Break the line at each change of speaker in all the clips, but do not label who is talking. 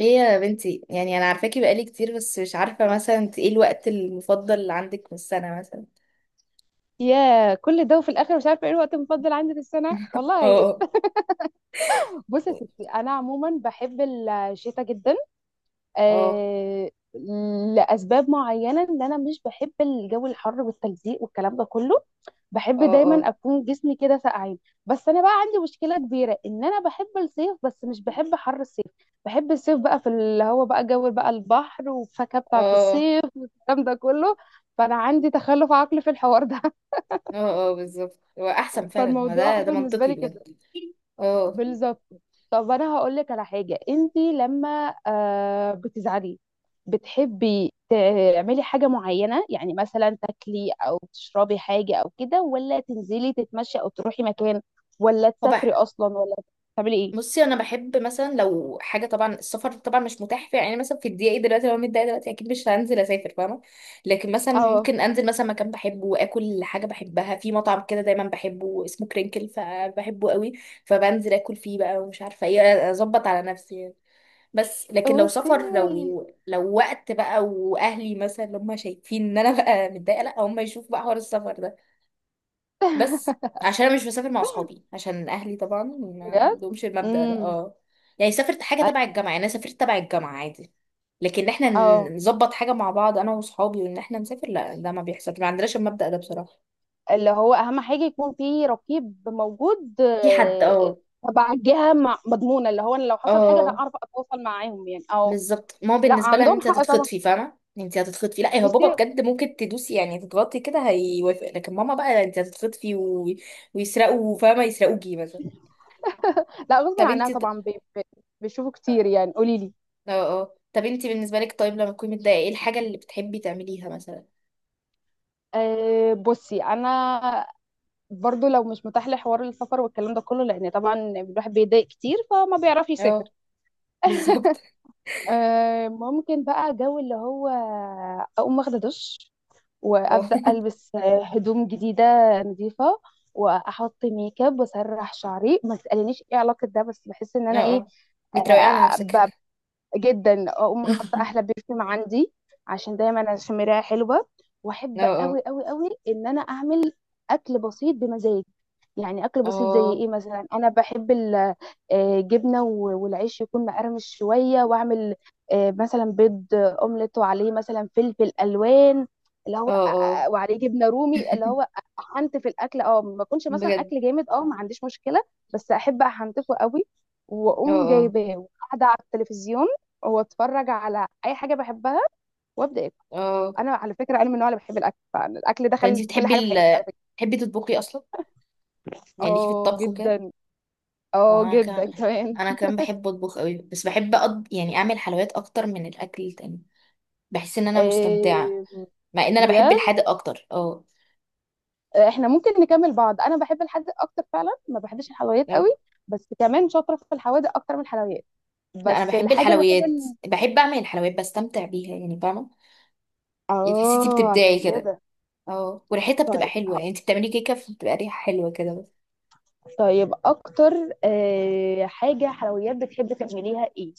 ايه يا بنتي؟ يعني انا عارفاكي بقالي كتير، بس مش عارفه مثلا انت ايه الوقت المفضل اللي عندك في السنه مثلا؟
يا كل ده وفي الاخر مش عارفه ايه الوقت المفضل عندي في السنه والله.
اه،
بصي يا ستي، انا عموما بحب الشتاء جدا.
اه،
آه لاسباب معينه، ان انا مش بحب الجو الحر والتلزيق والكلام ده كله. بحب
اه،
دايما
اه،
اكون جسمي كده ساقعين. بس انا بقى عندي مشكله كبيره، ان انا بحب الصيف بس مش بحب حر الصيف. بحب الصيف بقى في اللي هو بقى جو، بقى البحر والفاكهه بتاعه
اه،
الصيف والكلام ده كله. فانا عندي تخلف عقلي في الحوار ده.
اه، اه، بالظبط هو احسن فعلا، هو
فالموضوع
ده
بالنسبه
منطقي
لي كده،
بجد. اه.
بالظبط. طب انا هقول لك على حاجه، انت لما بتزعلي بتحبي تعملي حاجه معينه؟ يعني مثلا تاكلي او تشربي حاجه، او كده ولا تنزلي تتمشي، او تروحي مكان، ولا
هو
تسافري
بقى.
اصلا، ولا تعملي ايه؟
بصي، انا بحب مثلا لو حاجه، طبعا السفر طبعا مش متاح فيها، يعني مثلا في الدقيقه دي دلوقتي لو أنا متضايقه دلوقتي اكيد مش هنزل اسافر، فاهمه. لكن مثلا
اه.
ممكن انزل مثلا مكان بحبه، واكل حاجه بحبها في مطعم كده دايما بحبه، اسمه كرينكل، فبحبه قوي. فبنزل اكل فيه بقى، ومش عارفه ايه، اظبط على نفسي يعني. بس لكن لو سفر،
اوكي.
لو وقت بقى واهلي مثلا اللي هم شايفين ان انا بقى متضايقه، لا هم يشوفوا بقى حوار السفر ده. بس عشان انا مش بسافر مع اصحابي، عشان اهلي طبعا ما
بجد.
عندهمش المبدأ ده،
امم.
اه. يعني سافرت حاجه تبع الجامعه، يعني انا سافرت تبع الجامعه عادي. لكن احنا
اه،
نظبط حاجه مع بعض انا واصحابي، وان احنا نسافر، لا ده ما بيحصلش، ما عندناش المبدأ ده بصراحه.
اللي هو اهم حاجه يكون في رقيب موجود،
في حد، اه.
تبع الجهه مضمونه، اللي هو أنا لو حصل حاجه انا
اه،
اعرف اتواصل معاهم يعني. اه.
بالظبط، ما هو
لا
بالنسبه لها ان
عندهم
انت
حق طبعا.
هتتخطفي، فاهمه، انت هتتخطفي، لا هو بابا
بصي.
بجد ممكن تدوسي، يعني تتغطي كده هيوافق، لكن ماما بقى انت هتتخطفي و. ويسرقوا فاهمه، يسرقوكي مثلا.
لا غصب
طب
عنها
انت.
طبعا، بيشوفوا كتير يعني، قولي لي.
اه، اه، طب انتي بالنسبة لك طيب، لما تكوني متضايقة ايه الحاجة اللي بتحبي تعمليها مثلا؟
أه بصي انا برضو لو مش متاح لي حوار السفر والكلام ده كله، لان طبعا الواحد بيضايق كتير فما بيعرفش يسافر.
اه، بالظبط،
أه، ممكن بقى جو اللي هو اقوم واخده دش،
اه.
وابدا البس هدوم جديده نظيفه، واحط ميك اب واسرح شعري. ما تسالنيش ايه علاقه ده، بس بحس ان
اه،
انا ايه
اه، بتروقي على نفسك.
جدا. اقوم حاطه
اه،
احلى برفيوم عندي، عشان دايما عشان مرايه حلوه. واحب
اه،
قوي قوي قوي ان انا اعمل اكل بسيط بمزاج. يعني اكل بسيط زي
اه،
ايه؟ مثلا انا بحب الجبنه، والعيش يكون مقرمش شويه، واعمل مثلا بيض اومليت وعليه مثلا فلفل الوان، اللي هو
اه، اه،
وعليه جبنه رومي. اللي هو احنت في الاكل، اه، ما يكونش مثلا
بجد،
اكل جامد، اه ما عنديش مشكله. بس احب احنتفه قوي.
اه،
واقوم
اه،
جايباه وقاعده على التلفزيون، واتفرج على اي حاجه بحبها وابدا اكل.
اه،
انا على فكره انا من النوع اللي بحب الاكل، فالاكل
طب انتي
دخل في كل
بتحبي
حاجه في حياتي
ال
على فكره.
بتحبي تطبخي اصلا؟ يعني ليكي في
اه
الطبخ وكده؟
جدا.
اه،
اه
انا كمان.
جدا كمان.
انا كمان بحب اطبخ قوي، بس بحب يعني اعمل حلويات اكتر من الاكل التاني. بحس ان انا مستمتعة،
إيه.
مع ان انا بحب
بجد.
الحادق اكتر، اه.
احنا ممكن نكمل بعض، انا بحب الحادق اكتر فعلا، ما بحبش الحلويات قوي.
اه.
بس كمان شاطره في الحوادق اكتر من الحلويات.
لا انا
بس
بحب
الحاجه الوحيده
الحلويات،
اللي...
بحب اعمل الحلويات، بستمتع بيها يعني فاهمه. يعني تحسي انتي
اه
بتبدعي
عشان
كده.
كده.
اه، وريحتها بتبقى
طيب.
حلوه، يعني انت بتعملي كيكه فبتبقى ريحه حلوه كده بس.
طيب اكتر حاجه حلويات بتحبي تعمليها ايه؟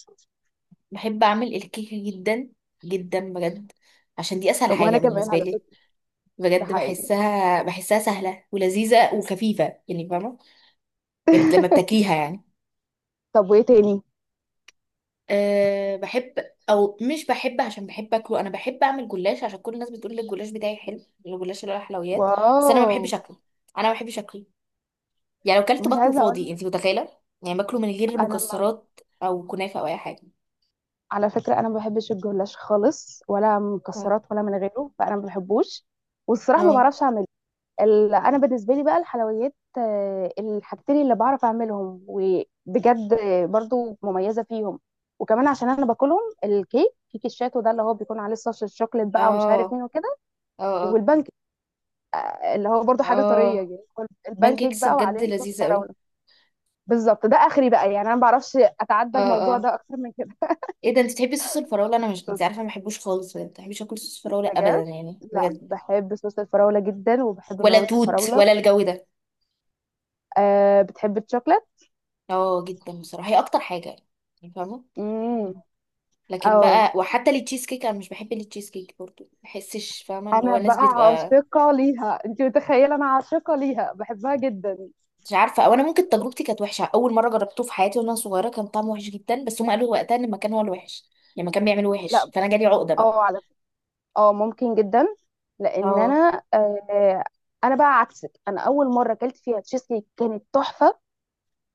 بحب اعمل الكيكه جدا، جدا بجد، عشان دي اسهل
وانا
حاجه
كمان
بالنسبه
على
لي.
فكره. ده
بجد،
حقيقي.
بحسها سهله ولذيذه وخفيفه يعني فاهمه. يعني لما بتاكليها يعني.
طب وايه تاني؟
أه بحب، او مش بحب عشان بحب اكله، انا بحب اعمل جلاش، عشان كل الناس بتقول لي الجلاش بتاعي حلو. الجلاش اللي هو الحلويات. بس انا ما
واو.
بحبش اكله، انا ما بحبش اكله. يعني لو كلته
مش
باكله
عايزه اقول
فاضي
لك،
انت متخيله، يعني باكله من غير
انا ما،
مكسرات او كنافه او اي حاجه.
على فكره انا ما بحبش الجلاش خالص، ولا
اه،
مكسرات ولا من غيره، فانا ما بحبوش. والصراحه ما
اه،
بعرفش اعمله. ال... انا بالنسبه لي بقى الحلويات، الحاجتين اللي بعرف اعملهم وبجد برضو مميزه فيهم، وكمان عشان انا باكلهم، الكيك، كيك الشاتو ده اللي هو بيكون عليه صوص الشوكليت بقى ومش عارف
اه،
مين وكده.
اه،
والبانكيك اللي هو برضو حاجه طريه،
اه،
يعني هو البانكيك
بانكيكس
بقى
بجد
وعليه صوص
لذيذه قوي.
فراوله. بالضبط ده آخري بقى، يعني أنا ما باعرفش أتعدى
اه،
الموضوع
اه،
ده أكتر من كده.
ايه ده؟ انت بتحبي صوص الفراوله؟ انا، مش انت عارفه، ما بحبوش خالص بجد، ما بحبش اكل صوص فراوله ابدا،
بجد.
يعني
لا
بجد.
بحب صوص الفراولة جدا، وبحب
ولا
مكرونة
توت،
الفراولة.
ولا الجو ده.
أه بتحب الشوكليت.
اه، جدا، بصراحه هي اكتر حاجه، يعني فاهمه.
امم.
لكن
أو،
بقى، وحتى التشيز كيك انا مش بحب التشيز كيك برضو، ما بحسش، فاهمه، اللي هو
أنا
الناس
بقى
بتبقى.
عاشقة ليها، أنت متخيلة، أنا عاشقة ليها، بحبها جدا.
مش عارفه، او انا ممكن تجربتي كانت وحشه، اول مره جربته في حياتي وانا صغيره كان طعمه وحش جدا، بس هم قالوا وقتها ان المكان هو الوحش. يعني المكان بيعمل وحش،
لا.
فانا جالي عقده بقى.
أه على فكرة. أه ممكن جدا. لأن
اه،
أنا أه، أنا بقى عكسك، أنا أول مرة أكلت فيها تشيز كيك كانت تحفة.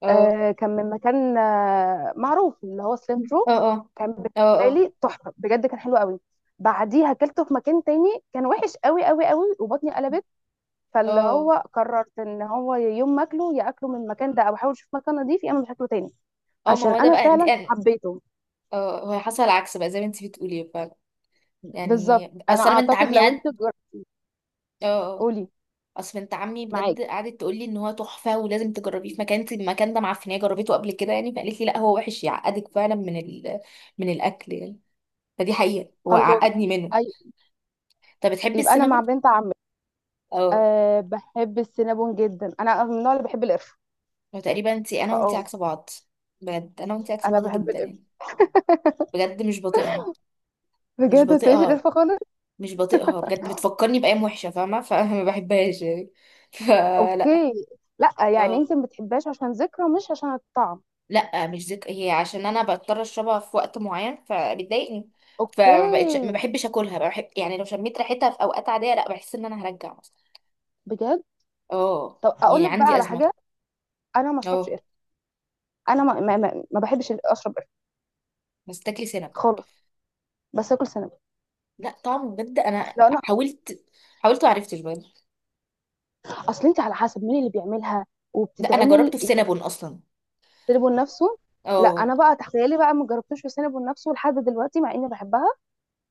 اه،
آه كان من مكان معروف، اللي هو سليم
اه،
ترو.
اه،
كان
اه،
بالنسبه
اه،
لي تحفه بجد، كان حلو قوي. بعديها اكلته في مكان تاني، كان وحش قوي قوي قوي وبطني قلبت. فاللي
اه،
هو قررت ان هو يوم ما اكله يا اكله من المكان ده، او احاول اشوف مكان نضيف، يا اما مش هاكله تاني.
اه، ما
عشان
هو ده
انا
بقى انت،
فعلا
انا.
حبيته.
اه، هو حصل العكس بقى زي ما انت بتقولي فعلا. يعني
بالظبط. انا
اصل انا بنت
اعتقد
عمي
لو
قعد.
انت جر...
اه، اه،
قولي.
اصل بنت عمي
معاك.
بجد قعدت تقول لي ان هو تحفه ولازم تجربيه في مكان، انت المكان ده معفنيه، جربته قبل كده يعني، فقالت لي لا هو وحش يعقدك فعلا من من الاكل يعني. فدي حقيقه
خلاص.
وعقدني منه.
اي.
طب بتحبي
يبقى انا مع
السينابون؟
بنت عمي.
اه،
أه بحب السينابون جدا، انا من النوع اللي بحب القرفه.
هو تقريبا انا وانتي
فاه.
عكس بعض، بجد انا وانتي عكس
انا
بعض
بحب
جدا
القرفه.
يعني. بجد مش بطيقها، مش
بجد ما تقوليش
بطيقها،
القرفه خالص.
مش بطيقها بجد، بتفكرني بايام وحشه فاهمه، فما بحبهاش يعني. فلا.
اوكي. لا يعني
اه،
انت ما بتحبهاش عشان ذكرى، مش عشان الطعم.
لا، مش ذك هي عشان انا بضطر اشربها في وقت معين فبتضايقني،
اوكي.
فما بقتش ما بحبش اكلها، بحب يعني لو شميت ريحتها في اوقات عاديه لا، بحس ان انا هرجع مثلا.
بجد.
اه،
طب اقول
يعني
لك بقى
عندي
على
ازمه.
حاجه، انا ما اشربش
اه،
قرفه، انا ما بحبش اشرب قرفه
بس تاكلي سينابون.
خالص. بس اكل سنه.
لا طعمه، بجد انا
اصل انا.
حاولت، وعرفتش بجد.
اصل انت على حسب مين اللي بيعملها
لا انا
وبتتعمل
جربته في
يعني.
سينابون اصلا.
سينابون نفسه. لا
اه،
انا بقى، تخيلي بقى، ما جربتوش في سينابون نفسه لحد دلوقتي، مع اني بحبها.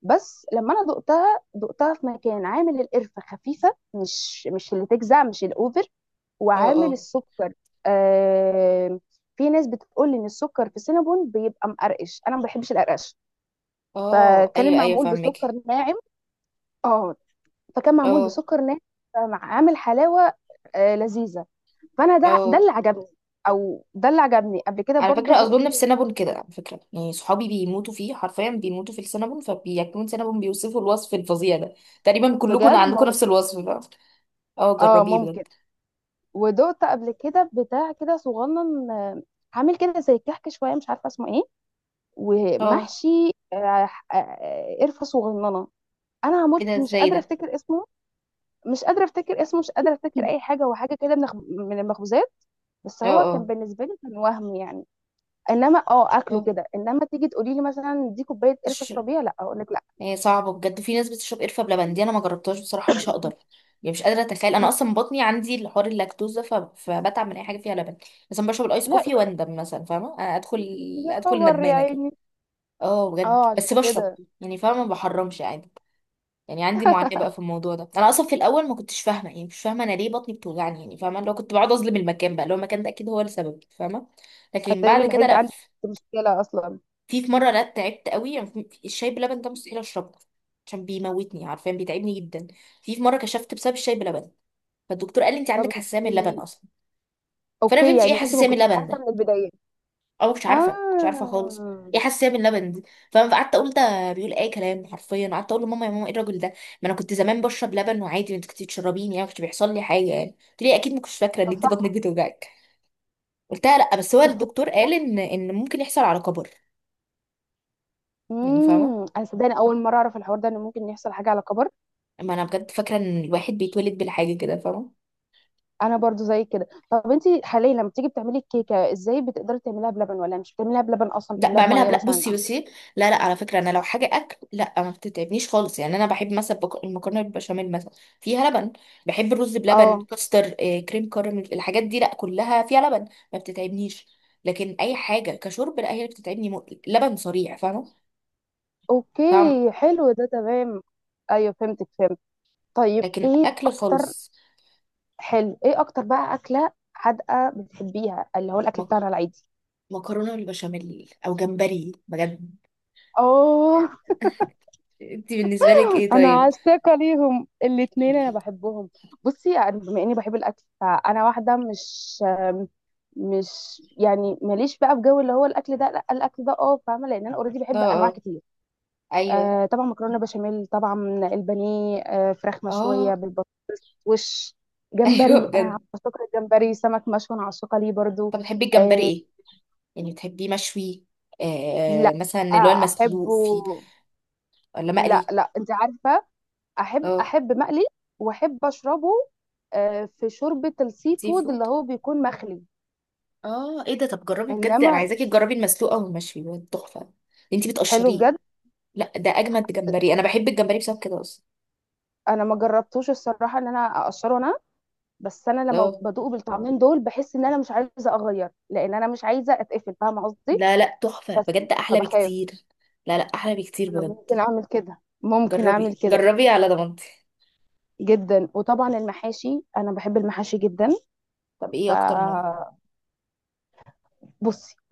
بس لما انا دقتها في مكان عامل القرفه خفيفه، مش اللي تجزع، مش الاوفر،
اه،
وعامل
اه،
السكر. آه. في ناس بتقول ان السكر في سينابون بيبقى مقرقش، انا ما بحبش القرقش.
اه،
فكان
ايوه، ايوه،
المعمول بسكر
فاهمك.
ناعم. اه. فكان معمول
اه،
بسكر ناعم، فعامل حلاوه لذيذه، فانا ده
اه،
اللي عجبني. او ده اللي عجبني قبل كده،
على
برضو
فكره
دقت.
اظن في سينابون كده، على فكره يعني صحابي بيموتوا فيه حرفيا، بيموتوا في السينابون، فبياكلون سينابون بيوصفوا الوصف الفظيع ده. تقريبا كلكم
بجد
عندكم
ممكن.
نفس الوصف ده. اه،
اه
جربيه
ممكن.
بجد.
ودقت قبل كده بتاع كده صغنن عامل كده زي الكحك شويه، مش عارفه اسمه ايه،
اه،
ومحشي قرفه صغننه. انا
ايه ده؟
هموت مش
ازاي
قادره
ده؟
افتكر اسمه. مش قادره افتكر اسمه، مش قادره افتكر اي حاجه. هو حاجه كده من من المخبوزات. بس
اه،
هو كان
اه،
بالنسبه لي كان وهم يعني. انما اه اكله كده، انما تيجي تقولي لي مثلا دي كوبايه قرفه
اه،
اشربيها، لا اقول لك لا.
هي صعبة بجد، في ناس بتشرب قرفة بلبن دي، انا ما جربتهاش بصراحة مش هقدر. يعني مش قادرة اتخيل، انا
م-
اصلا بطني عندي الحوار اللاكتوز ده، فبتعب من اي حاجة فيها لبن. مثلا بشرب الايس
لا.
كوفي
يبقى...
واندم مثلا، فاهمة انا ادخل
يا
ادخل
خبر يا
ندمانة كده.
عيني.
اه بجد،
اه عشان
بس بشرب،
كده.
يعني فاهمة ما بحرمش عادي. يعني عندي معاناة بقى في الموضوع ده، انا اصلا في الاول ما كنتش فاهمة، يعني مش فاهمة انا ليه بطني بتوجعني، يعني فاهمة لو كنت بقعد اظلم المكان بقى، لو المكان ده اكيد هو السبب، فاهمة. لكن
اتاري
بعد كده
الحديد
لا.
عندي مشكله اصلا.
في مرة، لا تعبت قوي يعني، الشاي بلبن ده مستحيل اشربه، عشان بيموتني، عارفة بيتعبني جدا. في مرة كشفت بسبب الشاي بلبن، فالدكتور قال لي انت
طب
عندك
انت.
حساسية من اللبن اصلا. فانا ما
اوكي،
فهمتش ايه
يعني انت ما
حساسية من
كنتيش
اللبن
عارفه
ده،
من البدايه.
او مش عارفة، مش عارفة خالص.
اه.
ايه حساسية من اللبن دي؟ فانا قعدت اقول ده بيقول اي كلام، حرفيا قعدت اقول لماما، يا ماما ايه الراجل ده؟ ما انا كنت زمان بشرب لبن وعادي، انت كنت بتشربيني يعني، ما كنتش بيحصل لي حاجة، يعني قلت لي اكيد ما كنتش فاكرة ان
طب
انت بطنك
صح.
بتوجعك. قلتها لا، بس هو
تفتكر.
الدكتور قال ان ممكن يحصل على كبر. يعني فاهمة.
امم، انا صدقني اول مره اعرف الحوار ده، ان ممكن يحصل حاجه على كبر.
ما انا بجد فاكره ان الواحد بيتولد بالحاجه كده فاهمه.
انا برضو زي كده. طب انت حاليا لما بتيجي بتعملي الكيكه ازاي؟ بتقدري تعمليها بلبن ولا مش بتعمليها بلبن اصلا؟
لا
بتعمليها
بعملها
بميه
لا،
مثلا؟
بصي. لا لا، على فكره انا لو حاجه اكل لا ما بتتعبنيش خالص، يعني انا بحب مثلا، المكرونه بالبشاميل مثلا فيها لبن. بحب الرز بلبن،
اه.
كاستر، كريم كراميل، الحاجات دي لا كلها فيها لبن، ما بتتعبنيش. لكن اي حاجه كشرب لا، هي اللي بتتعبني، لبن صريع فاهمه.
اوكي
طعم.
حلو ده تمام. ايوه فهمتك، فهمت. طيب
لكن
ايه
اكل
اكتر.
خالص.
حلو، ايه اكتر بقى اكله حادقه بتحبيها، اللي هو الاكل
مك-
بتاعنا العادي؟
مكرونه بالبشاميل، او جمبري بجد.
اه.
انت بالنسبه لك ايه
انا
طيب؟
عاشقه ليهم الاتنين، انا بحبهم. بصي يعني، بما اني بحب الاكل، فانا واحده مش، مش يعني ماليش بقى في جو اللي هو الاكل ده، لا الاكل ده اه فاهمه، لان انا اوريدي
اه،
بحب انواع
اه،
كتير.
ايوه،
آه طبعا، مكرونه بشاميل طبعا، البانيه، آه فراخ مشويه
اه،
بالبطوش،
ايوه
جمبري. انا
بجد.
عاشقه الجمبري. سمك مشوي انا عاشقه ليه برضو.
طب بتحبي الجمبري
آه.
ايه؟ يعني بتحبيه مشوي؟
لا.
مثلا اللي هو
آه
المسلوق
احبه.
فيه، ولا
لا
مقلي؟
لا انت عارفه، احب
اه،
احب مقلي. واحب اشربه في شوربه السي
سي
فود،
فود.
اللي هو بيكون مخلي.
اه، ايه ده؟ طب جربي بجد، انا
انما
عايزاكي تجربي المسلوق او المشوي بجد تحفه. انتي
حلو
بتقشريه؟
بجد.
لا ده اجمد جمبري، انا بحب الجمبري بسبب كده اصلا.
انا ما جربتوش الصراحه، ان انا اقشره انا. بس انا لما
اه،
بدوق بالطعمين دول، بحس ان انا مش عايزه اغير، لان انا مش عايزه اتقفل، فاهمه قصدي.
لا لا، تحفه
بس
بجد، احلى
فبخاف.
بكتير. لا لا احلى بكتير
انا
بجد.
ممكن اعمل كده، ممكن اعمل
جربي
كده.
جربي على ضمانتي.
جدا. وطبعا المحاشي، انا بحب المحاشي جدا.
طب ايه اكتر نوع؟
فبصي،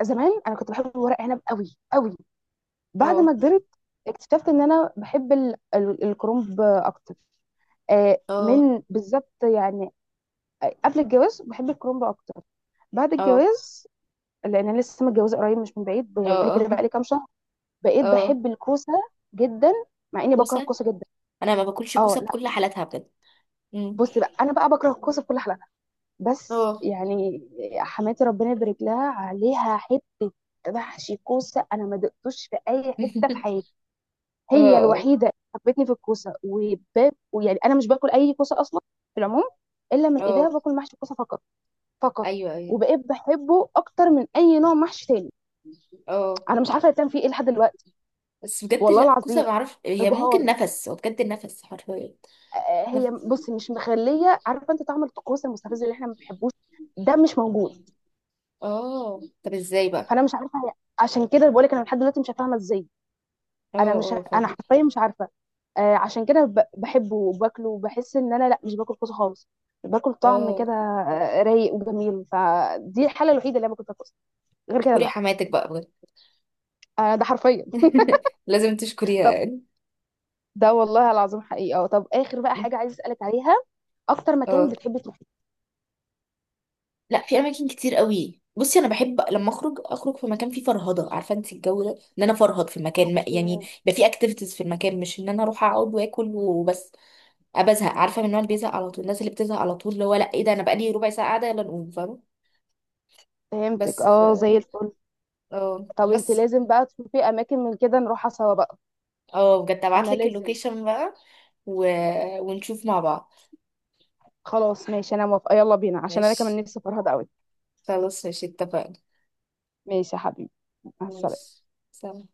زمان انا كنت بحب ورق عنب قوي قوي. بعد
اه،
ما كبرت اكتشفت ان انا بحب الكرومب اكتر.
اه،
من بالظبط يعني قبل الجواز بحب الكرومب اكتر. بعد
اه،
الجواز، لان انا لسه متجوزه قريب مش من بعيد،
اه،
بقولي كده
اه،
بقالي كام شهر، بقيت
آه.
بحب الكوسه جدا. مع اني بكره
كوسه،
الكوسه جدا.
انا ما باكلش
اه
كوسه
لا.
بكل حالاتها بجد. مم.
بصي بقى، انا بقى بكره الكوسه بكل حالاتها. بس
اه،
يعني حماتي ربنا يبارك لها عليها، حته محشي كوسه انا ما دقتوش في اي حته في حياتي. هي
اه، اه،
الوحيده اللي حبتني في الكوسه، وباب ويعني انا مش باكل اي كوسه اصلا في العموم، الا من ايديها
اه،
باكل محشي الكوسه فقط. فقط.
ايوه، ايوه،
وبقيت بحبه اكتر من اي نوع محشي تاني.
اه.
انا مش عارفه بتعمل فيه ايه لحد دلوقتي.
بس بجد
والله
لا كوسه
العظيم.
ما اعرفش، هي ممكن
ابهار،
نفس، هو بجد النفس حرفيا.
هي
نفس.
بصي مش مخليه، عارفه انت طعم الطقوس المستفز اللي احنا ما بنحبوش؟ ده مش موجود.
اه، طب ازاي بقى؟
فانا مش عارفه هي، عشان كده بقول لك انا لحد دلوقتي مش فاهمه ازاي.
اه، اه،
انا
فاهم.
حرفيا مش عارفه. آه عشان كده بحبه وباكله، وبحس ان انا لا مش باكل كوسه خالص، باكل طعم
اه،
كده رايق وجميل، فدي الحاله الوحيده اللي انا باكل فيها كوسه. غير كده
اشكري
لا.
حماتك بقى بجد.
آه ده حرفيا.
لازم تشكريها
طب
يعني.
ده والله العظيم حقيقه. طب اخر بقى حاجه عايز اسالك عليها، اكتر مكان
اه،
بتحبي تروحي.
لا في اماكن كتير قوي، بصي انا بحب لما اخرج، اخرج في مكان فيه فرهضه، عارفه انت الجو ده، ان انا افرهد في المكان يعني،
إيه.
يبقى فيه اكتيفيتيز في المكان، مش ان انا اروح اقعد واكل وبس. بزهق، عارفه من النوع اللي بيزهق على طول، الناس اللي بتزهق على طول، اللي هو لا ايه ده انا بقالي ربع ساعه قاعده يلا نقوم، فاهمه.
فهمتك،
بس
اه زي الفل.
اه
طب انت
بس.
لازم بقى تشوفي اماكن من كده نروحها سوا بقى.
اه بجد ابعت
انا
لك
لازم.
اللوكيشن بقى، و... ونشوف مع بعض.
خلاص ماشي، انا موافقه، يلا بينا، عشان انا كمان
ماشي،
نفسي فرهده قوي.
خلاص ماشي، اتفقنا.
ماشي يا حبيبي. مع السلامه.
ماشي. سلام.